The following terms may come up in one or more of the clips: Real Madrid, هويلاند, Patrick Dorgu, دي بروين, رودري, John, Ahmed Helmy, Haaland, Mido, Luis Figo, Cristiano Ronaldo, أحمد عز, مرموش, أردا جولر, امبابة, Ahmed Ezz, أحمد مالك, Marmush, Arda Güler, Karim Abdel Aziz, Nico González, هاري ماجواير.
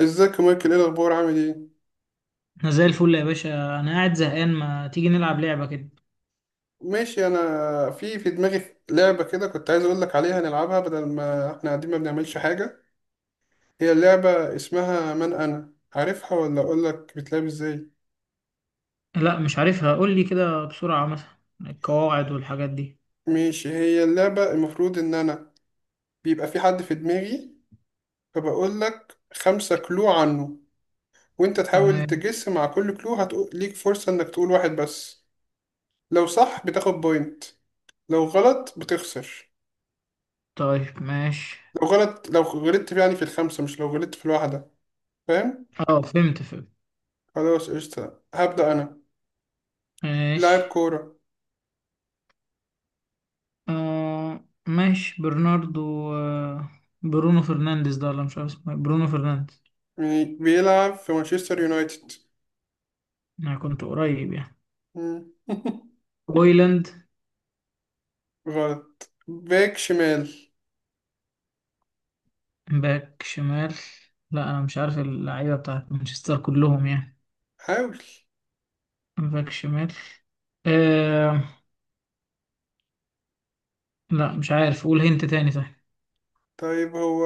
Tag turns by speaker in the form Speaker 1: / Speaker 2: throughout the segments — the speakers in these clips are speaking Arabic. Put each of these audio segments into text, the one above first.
Speaker 1: ازيك يا مايكل؟ ايه الاخبار؟ عامل ايه؟
Speaker 2: انا زي الفل يا باشا، انا قاعد زهقان. ما تيجي نلعب لعبة كده؟
Speaker 1: ماشي، انا في دماغي لعبه كده، كنت عايز اقول لك عليها نلعبها بدل ما احنا قاعدين ما بنعملش حاجه. هي لعبه اسمها من، انا عارفها ولا اقول لك بتلعب ازاي؟
Speaker 2: لا مش عارفها، قول لي كده بسرعة مثلا القواعد والحاجات دي.
Speaker 1: ماشي، هي اللعبه المفروض ان انا بيبقى في حد في دماغي، فبقول لك 5 كلو عنه، وانت تحاول
Speaker 2: تمام.
Speaker 1: تجس. مع كل كلو هتقول ليك فرصه انك تقول واحد بس. لو صح بتاخد بوينت، لو غلط بتخسر.
Speaker 2: طيب ماشي.
Speaker 1: لو غلطت يعني في الخمسه، مش لو غلطت في الواحده. فاهم؟
Speaker 2: اه فهمت.
Speaker 1: خلاص قشطة، هبدأ أنا. لاعب
Speaker 2: ماشي.
Speaker 1: كورة.
Speaker 2: آه ماشي، برناردو. آه برونو فرنانديز ده، ولا مش عارف اسمه إيه. برونو فرنانديز.
Speaker 1: يعني بيلعب في مانشستر يونايتد.
Speaker 2: انا كنت قريب يعني.
Speaker 1: مم.
Speaker 2: بويلاند.
Speaker 1: غلط، باك شمال.
Speaker 2: باك شمال. لا انا مش عارف اللعيبة بتاعت مانشستر كلهم يعني.
Speaker 1: حاول.
Speaker 2: باك شمال. آه. لا مش عارف، قول هنت تاني طيب.
Speaker 1: طيب هو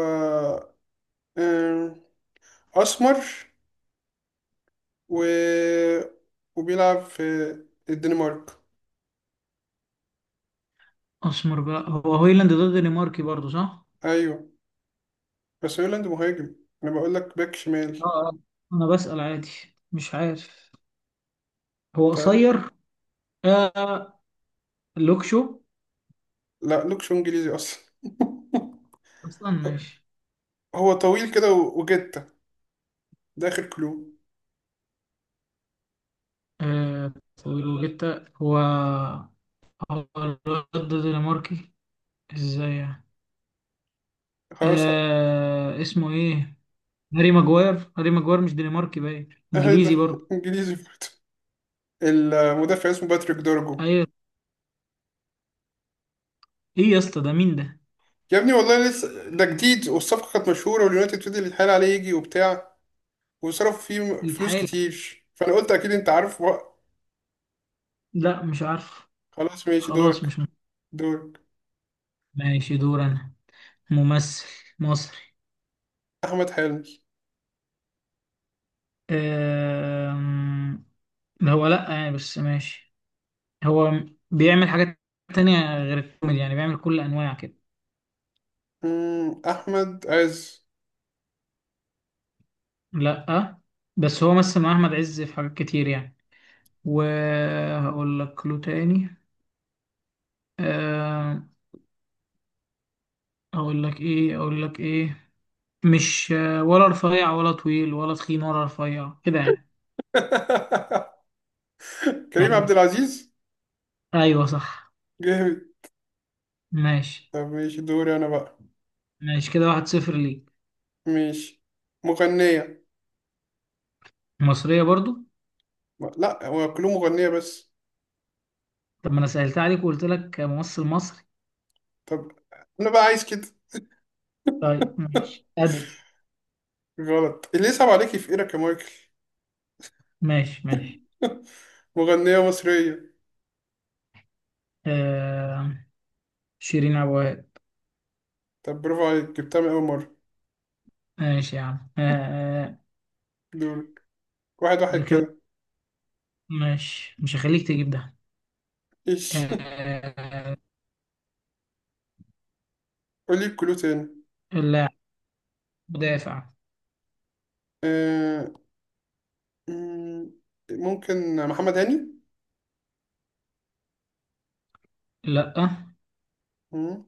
Speaker 1: آم، أسمر و... وبيلعب في الدنمارك.
Speaker 2: اسمر بقى، هو هويلاند ده دنماركي برضه صح؟
Speaker 1: أيوه، بس هويلاند مهاجم، أنا بقول لك باك
Speaker 2: اه
Speaker 1: شمال.
Speaker 2: اه، انا بسأل عادي، مش عارف. هو
Speaker 1: طيب،
Speaker 2: قصير. آه لوكشو.
Speaker 1: لا، لوكش إنجليزي أصلا.
Speaker 2: اصلا ماشي.
Speaker 1: هو طويل كده وجتة، ده آخر كلو.
Speaker 2: آه طويل وجتا هو. هو الواد ده دنماركي ازاي يعني؟
Speaker 1: خلاص.
Speaker 2: آه اسمه ايه، هاري ماجواير. هاري ماجواير مش دنماركي، باين انجليزي
Speaker 1: أهدف
Speaker 2: برضه.
Speaker 1: إنجليزي برضه. المدافع اسمه باتريك دورجو.
Speaker 2: ايوه. ايه يا اسطى ده مين ده؟
Speaker 1: يا ابني والله لسه ده جديد، والصفقة كانت مشهورة، واليونايتد فضل يتحايل عليه يجي وبتاع، وصرفوا فيه فلوس
Speaker 2: يتحايل.
Speaker 1: كتير، فأنا قلت أكيد أنت عارف بقى.
Speaker 2: لا مش عارف.
Speaker 1: خلاص ماشي،
Speaker 2: خلاص
Speaker 1: دورك.
Speaker 2: مش م-
Speaker 1: دورك.
Speaker 2: ماشي دور انا. ممثل مصري.
Speaker 1: أحمد حلمي.
Speaker 2: أم، ده هو لأ يعني، بس ماشي. هو بيعمل حاجات تانية غير الكوميدي يعني، بيعمل كل أنواع كده.
Speaker 1: أحمد عز.
Speaker 2: لأ بس هو مثل مع أحمد عز في حاجات كتير يعني، وهقول لك له تاني. أم، أقول لك إيه. مش ولا رفيع ولا طويل ولا تخين، ولا رفيع كده يعني.
Speaker 1: كريم عبد
Speaker 2: يعني
Speaker 1: العزيز.
Speaker 2: أيوه صح.
Speaker 1: جامد.
Speaker 2: ماشي.
Speaker 1: طب ماشي، دوري أنا بقى.
Speaker 2: ماشي كده 1-0 ليك.
Speaker 1: ماشي. مغنية.
Speaker 2: مصرية برضو.
Speaker 1: لا، هو كلهم مغنية بس.
Speaker 2: طب ما أنا سهلت عليك وقلت لك ممثل مصري.
Speaker 1: طب أنا بقى عايز كده.
Speaker 2: طيب ماشي أدل.
Speaker 1: غلط. اللي يصعب عليكي في إيرك يا مايكل.
Speaker 2: ماشي ماشي.
Speaker 1: مغنية مصرية.
Speaker 2: آه شيرين أبو وهاب.
Speaker 1: طب برافو عليك، جبتها من أول مرة.
Speaker 2: ماشي يا عم. آه. آه،
Speaker 1: دورك. 1-1
Speaker 2: ده كده
Speaker 1: كده.
Speaker 2: ماشي، مش هخليك تجيب ده.
Speaker 1: إيش؟
Speaker 2: آه.
Speaker 1: قولي الكلو تاني.
Speaker 2: اللاعب مدافع.
Speaker 1: آه... مم، ممكن محمد هاني.
Speaker 2: لأ.
Speaker 1: مم،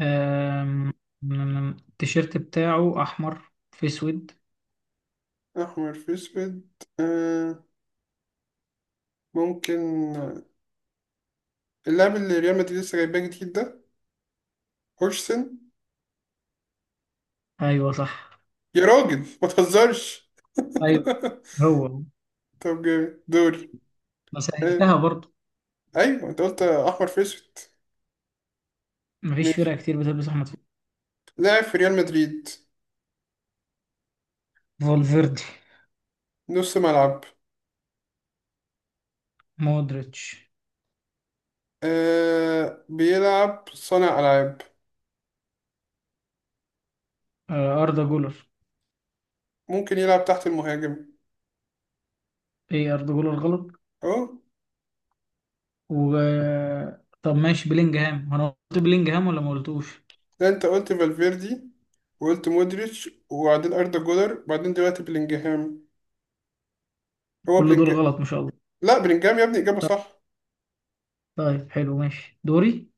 Speaker 2: آم، التيشيرت بتاعه أحمر في أسود.
Speaker 1: أحمر في أسود. آه... ممكن. اللاعب اللي ريال مدريد لسه جايباه جديد ده. هورسن.
Speaker 2: أيوه صح.
Speaker 1: يا راجل ما تهزرش.
Speaker 2: أيوه هو.
Speaker 1: طب جامد دوري.
Speaker 2: ما
Speaker 1: آه...
Speaker 2: سهلتها برضه،
Speaker 1: أيوه أنت قلت أحمر في أسود.
Speaker 2: مفيش فرقة
Speaker 1: ماشي.
Speaker 2: كتير بتلبس أحمر.
Speaker 1: لاعب في ريال مدريد.
Speaker 2: فولفيردي.
Speaker 1: نص ملعب.
Speaker 2: مودريتش.
Speaker 1: بيلعب صانع ألعاب.
Speaker 2: آه أردا جولر.
Speaker 1: ممكن يلعب تحت المهاجم.
Speaker 2: إيه أردا جولر غلط.
Speaker 1: اه.
Speaker 2: و طب ماشي بلينجهام، انا قلت بلينجهام ولا ما قلتوش؟
Speaker 1: ده انت قلت فالفيردي، وقلت مودريتش، وبعدين اردا جولر، بعدين دلوقتي بلينجهام. هو
Speaker 2: كل دول
Speaker 1: بلينج.
Speaker 2: غلط ما شاء الله.
Speaker 1: لا، بلينجهام يا ابني اجابه
Speaker 2: طب.
Speaker 1: صح.
Speaker 2: طيب حلو ماشي دوري.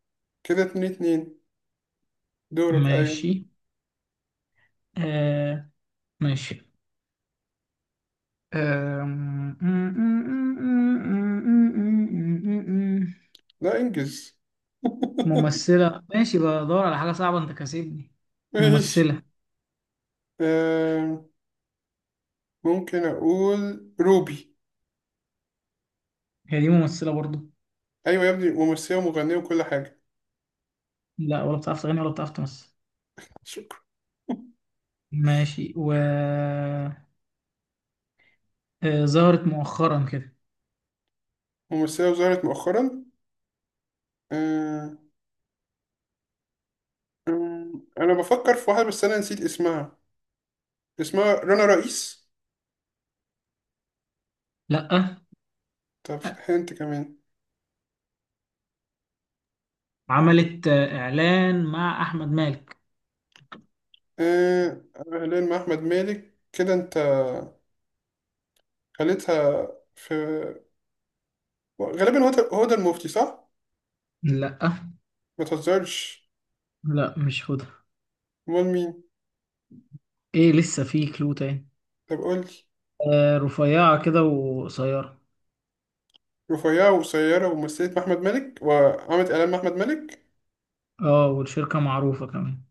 Speaker 1: كده 2-2. دورك، ايوه.
Speaker 2: ماشي. آه. ماشي. آه...
Speaker 1: لا انجز.
Speaker 2: ممثلة. ماشي بدور على حاجة صعبة، انت كاسبني.
Speaker 1: ماشي.
Speaker 2: ممثلة.
Speaker 1: آم، ممكن اقول روبي.
Speaker 2: هي دي ممثلة برضو؟
Speaker 1: ايوه يا ابني، ممثله ومغنيه وكل حاجه.
Speaker 2: لا ولا بتعرف تغني ولا بتعرف تمثل.
Speaker 1: شكرا.
Speaker 2: ماشي و ظهرت مؤخرا كده.
Speaker 1: ممثله وظهرت مؤخرا. آم، انا بفكر في واحده بس انا نسيت اسمها. اسمها رنا رئيس.
Speaker 2: لا.
Speaker 1: طب انت كمان.
Speaker 2: عملت إعلان مع أحمد مالك.
Speaker 1: آه، هلال مع احمد مالك كده، انت خليتها في. غالبا هو هو ده المفتي صح؟
Speaker 2: لا
Speaker 1: ما تهزرش.
Speaker 2: لا مش خدها.
Speaker 1: امال مين؟
Speaker 2: ايه لسه في كلو تاني.
Speaker 1: طب قول لي.
Speaker 2: آه رفيعة كده وقصيرة.
Speaker 1: رفيعة وقصيرة ومثلت مع أحمد مالك وعملت إعلان مع أحمد مالك.
Speaker 2: اه والشركة معروفة كمان.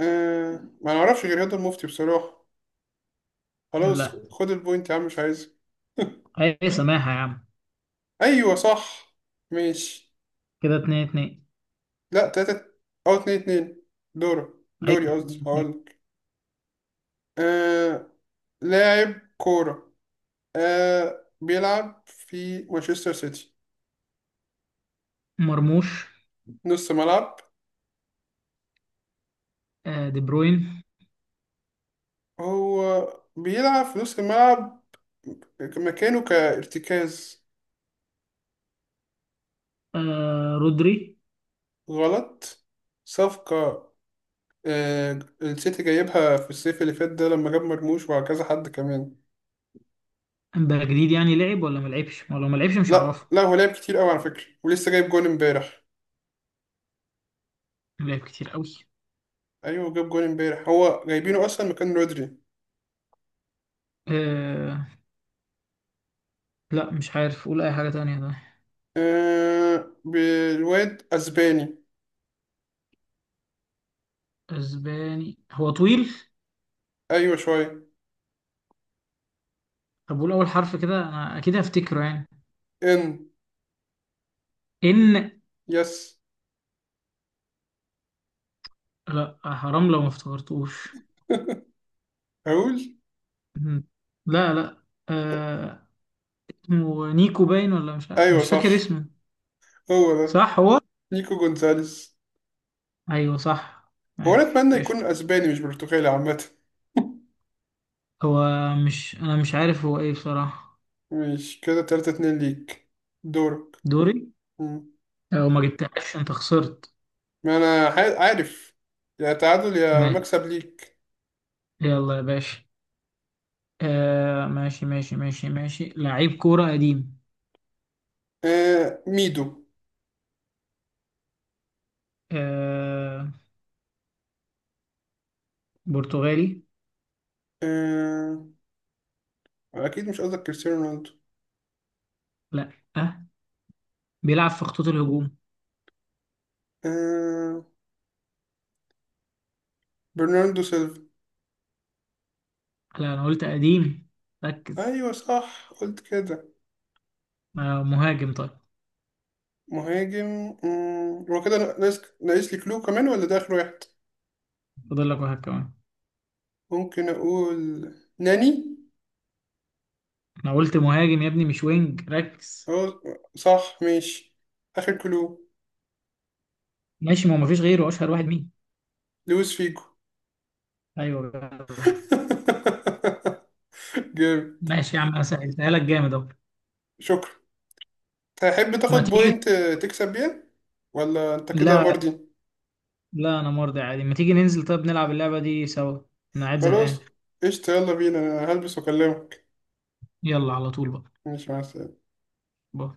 Speaker 1: آه. ما نعرفش غير هدى المفتي بصراحة. خلاص
Speaker 2: لا
Speaker 1: خد البوينت يا عم، مش عايزها.
Speaker 2: اي سماحة يا عم.
Speaker 1: أيوة صح. ماشي.
Speaker 2: كده 2-2.
Speaker 1: لا، تلاتة. أو 2-2. دورة
Speaker 2: ايوه
Speaker 1: دوري قصدي،
Speaker 2: 2-2.
Speaker 1: هقولك. آه. لاعب كورة. آه بيلعب في مانشستر سيتي.
Speaker 2: مرموش.
Speaker 1: نص ملعب.
Speaker 2: آه دي بروين.
Speaker 1: هو بيلعب في نص الملعب، مكانه كارتكاز.
Speaker 2: آه رودري.
Speaker 1: غلط. صفقة. آه، السيتي جايبها في الصيف اللي فات ده، لما جاب مرموش وكذا حد كمان.
Speaker 2: امبابة جديد يعني، لعب ولا ما لعبش؟ ولو ما لعبش مش
Speaker 1: لا
Speaker 2: هعرفه.
Speaker 1: لا، هو لعب كتير قوي على فكرة، ولسه جايب جون امبارح.
Speaker 2: لعب كتير قوي.
Speaker 1: ايوه، جاب جون امبارح، هو جايبينه اصلا مكان رودري.
Speaker 2: آه. لا مش عارف، قول اي حاجة تانية ده.
Speaker 1: آه بالواد اسباني.
Speaker 2: اسباني، هو طويل.
Speaker 1: ايوه شوية.
Speaker 2: طب قول اول حرف كده انا اكيد هفتكره يعني.
Speaker 1: ان.
Speaker 2: ان.
Speaker 1: يس.
Speaker 2: لا حرام لو ما افتكرتوش.
Speaker 1: هقول.
Speaker 2: مم. لا لا. آه... اسمه نيكو باين، ولا
Speaker 1: ايوه
Speaker 2: مش فاكر
Speaker 1: صح،
Speaker 2: اسمه.
Speaker 1: هو ده.
Speaker 2: صح هو.
Speaker 1: نيكو جونزاليس.
Speaker 2: ايوه صح.
Speaker 1: هو انا
Speaker 2: ماشي
Speaker 1: اتمنى يكون
Speaker 2: قشطة.
Speaker 1: اسباني مش برتغالي عامة.
Speaker 2: هو مش انا، مش عارف هو ايه بصراحة.
Speaker 1: مش كده 3-2 ليك. دورك.
Speaker 2: دوري.
Speaker 1: مم.
Speaker 2: لو ما جبتهاش انت خسرت.
Speaker 1: ما انا عارف. يا تعادل يا
Speaker 2: ماشي.
Speaker 1: مكسب ليك.
Speaker 2: يلا يا باشا. ماشي، لعيب كورة قديم.
Speaker 1: آه ميدو.
Speaker 2: آه... برتغالي.
Speaker 1: آه. اكيد مش قصدك كريستيانو رونالدو.
Speaker 2: لا. آه. بيلعب في خطوط الهجوم.
Speaker 1: آه. برناردو سيلفا.
Speaker 2: لا انا قلت قديم، ركز.
Speaker 1: ايوه صح، قلت كده.
Speaker 2: آه مهاجم طيب.
Speaker 1: مهاجم. هو كده ناقص لي كلو كمان ولا ده اخر واحد؟
Speaker 2: فاضل لك واحد كمان.
Speaker 1: ممكن اقول ناني.
Speaker 2: انا قلت مهاجم يا ابني مش وينج، ركز.
Speaker 1: اه. صح ماشي. آخر كلو.
Speaker 2: ماشي، ما هو مفيش غيره، اشهر واحد مين؟
Speaker 1: لويس فيجو.
Speaker 2: ايوه جدع.
Speaker 1: جيم.
Speaker 2: ماشي يا عم انا سهلتها لك جامد اهو.
Speaker 1: شكرا. تحب تاخد
Speaker 2: ما تيجي.
Speaker 1: بوينت تكسب بيها ولا انت كده
Speaker 2: لا
Speaker 1: مرضي؟
Speaker 2: لا انا مرضي عادي، ما تيجي ننزل طيب نلعب اللعبة دي سوا. انا قاعد زهقان.
Speaker 1: خلاص قشطة، يلا بينا، أنا هلبس واكلمك.
Speaker 2: يلا على طول بقى.
Speaker 1: ماشي، مع السلامة.
Speaker 2: باي.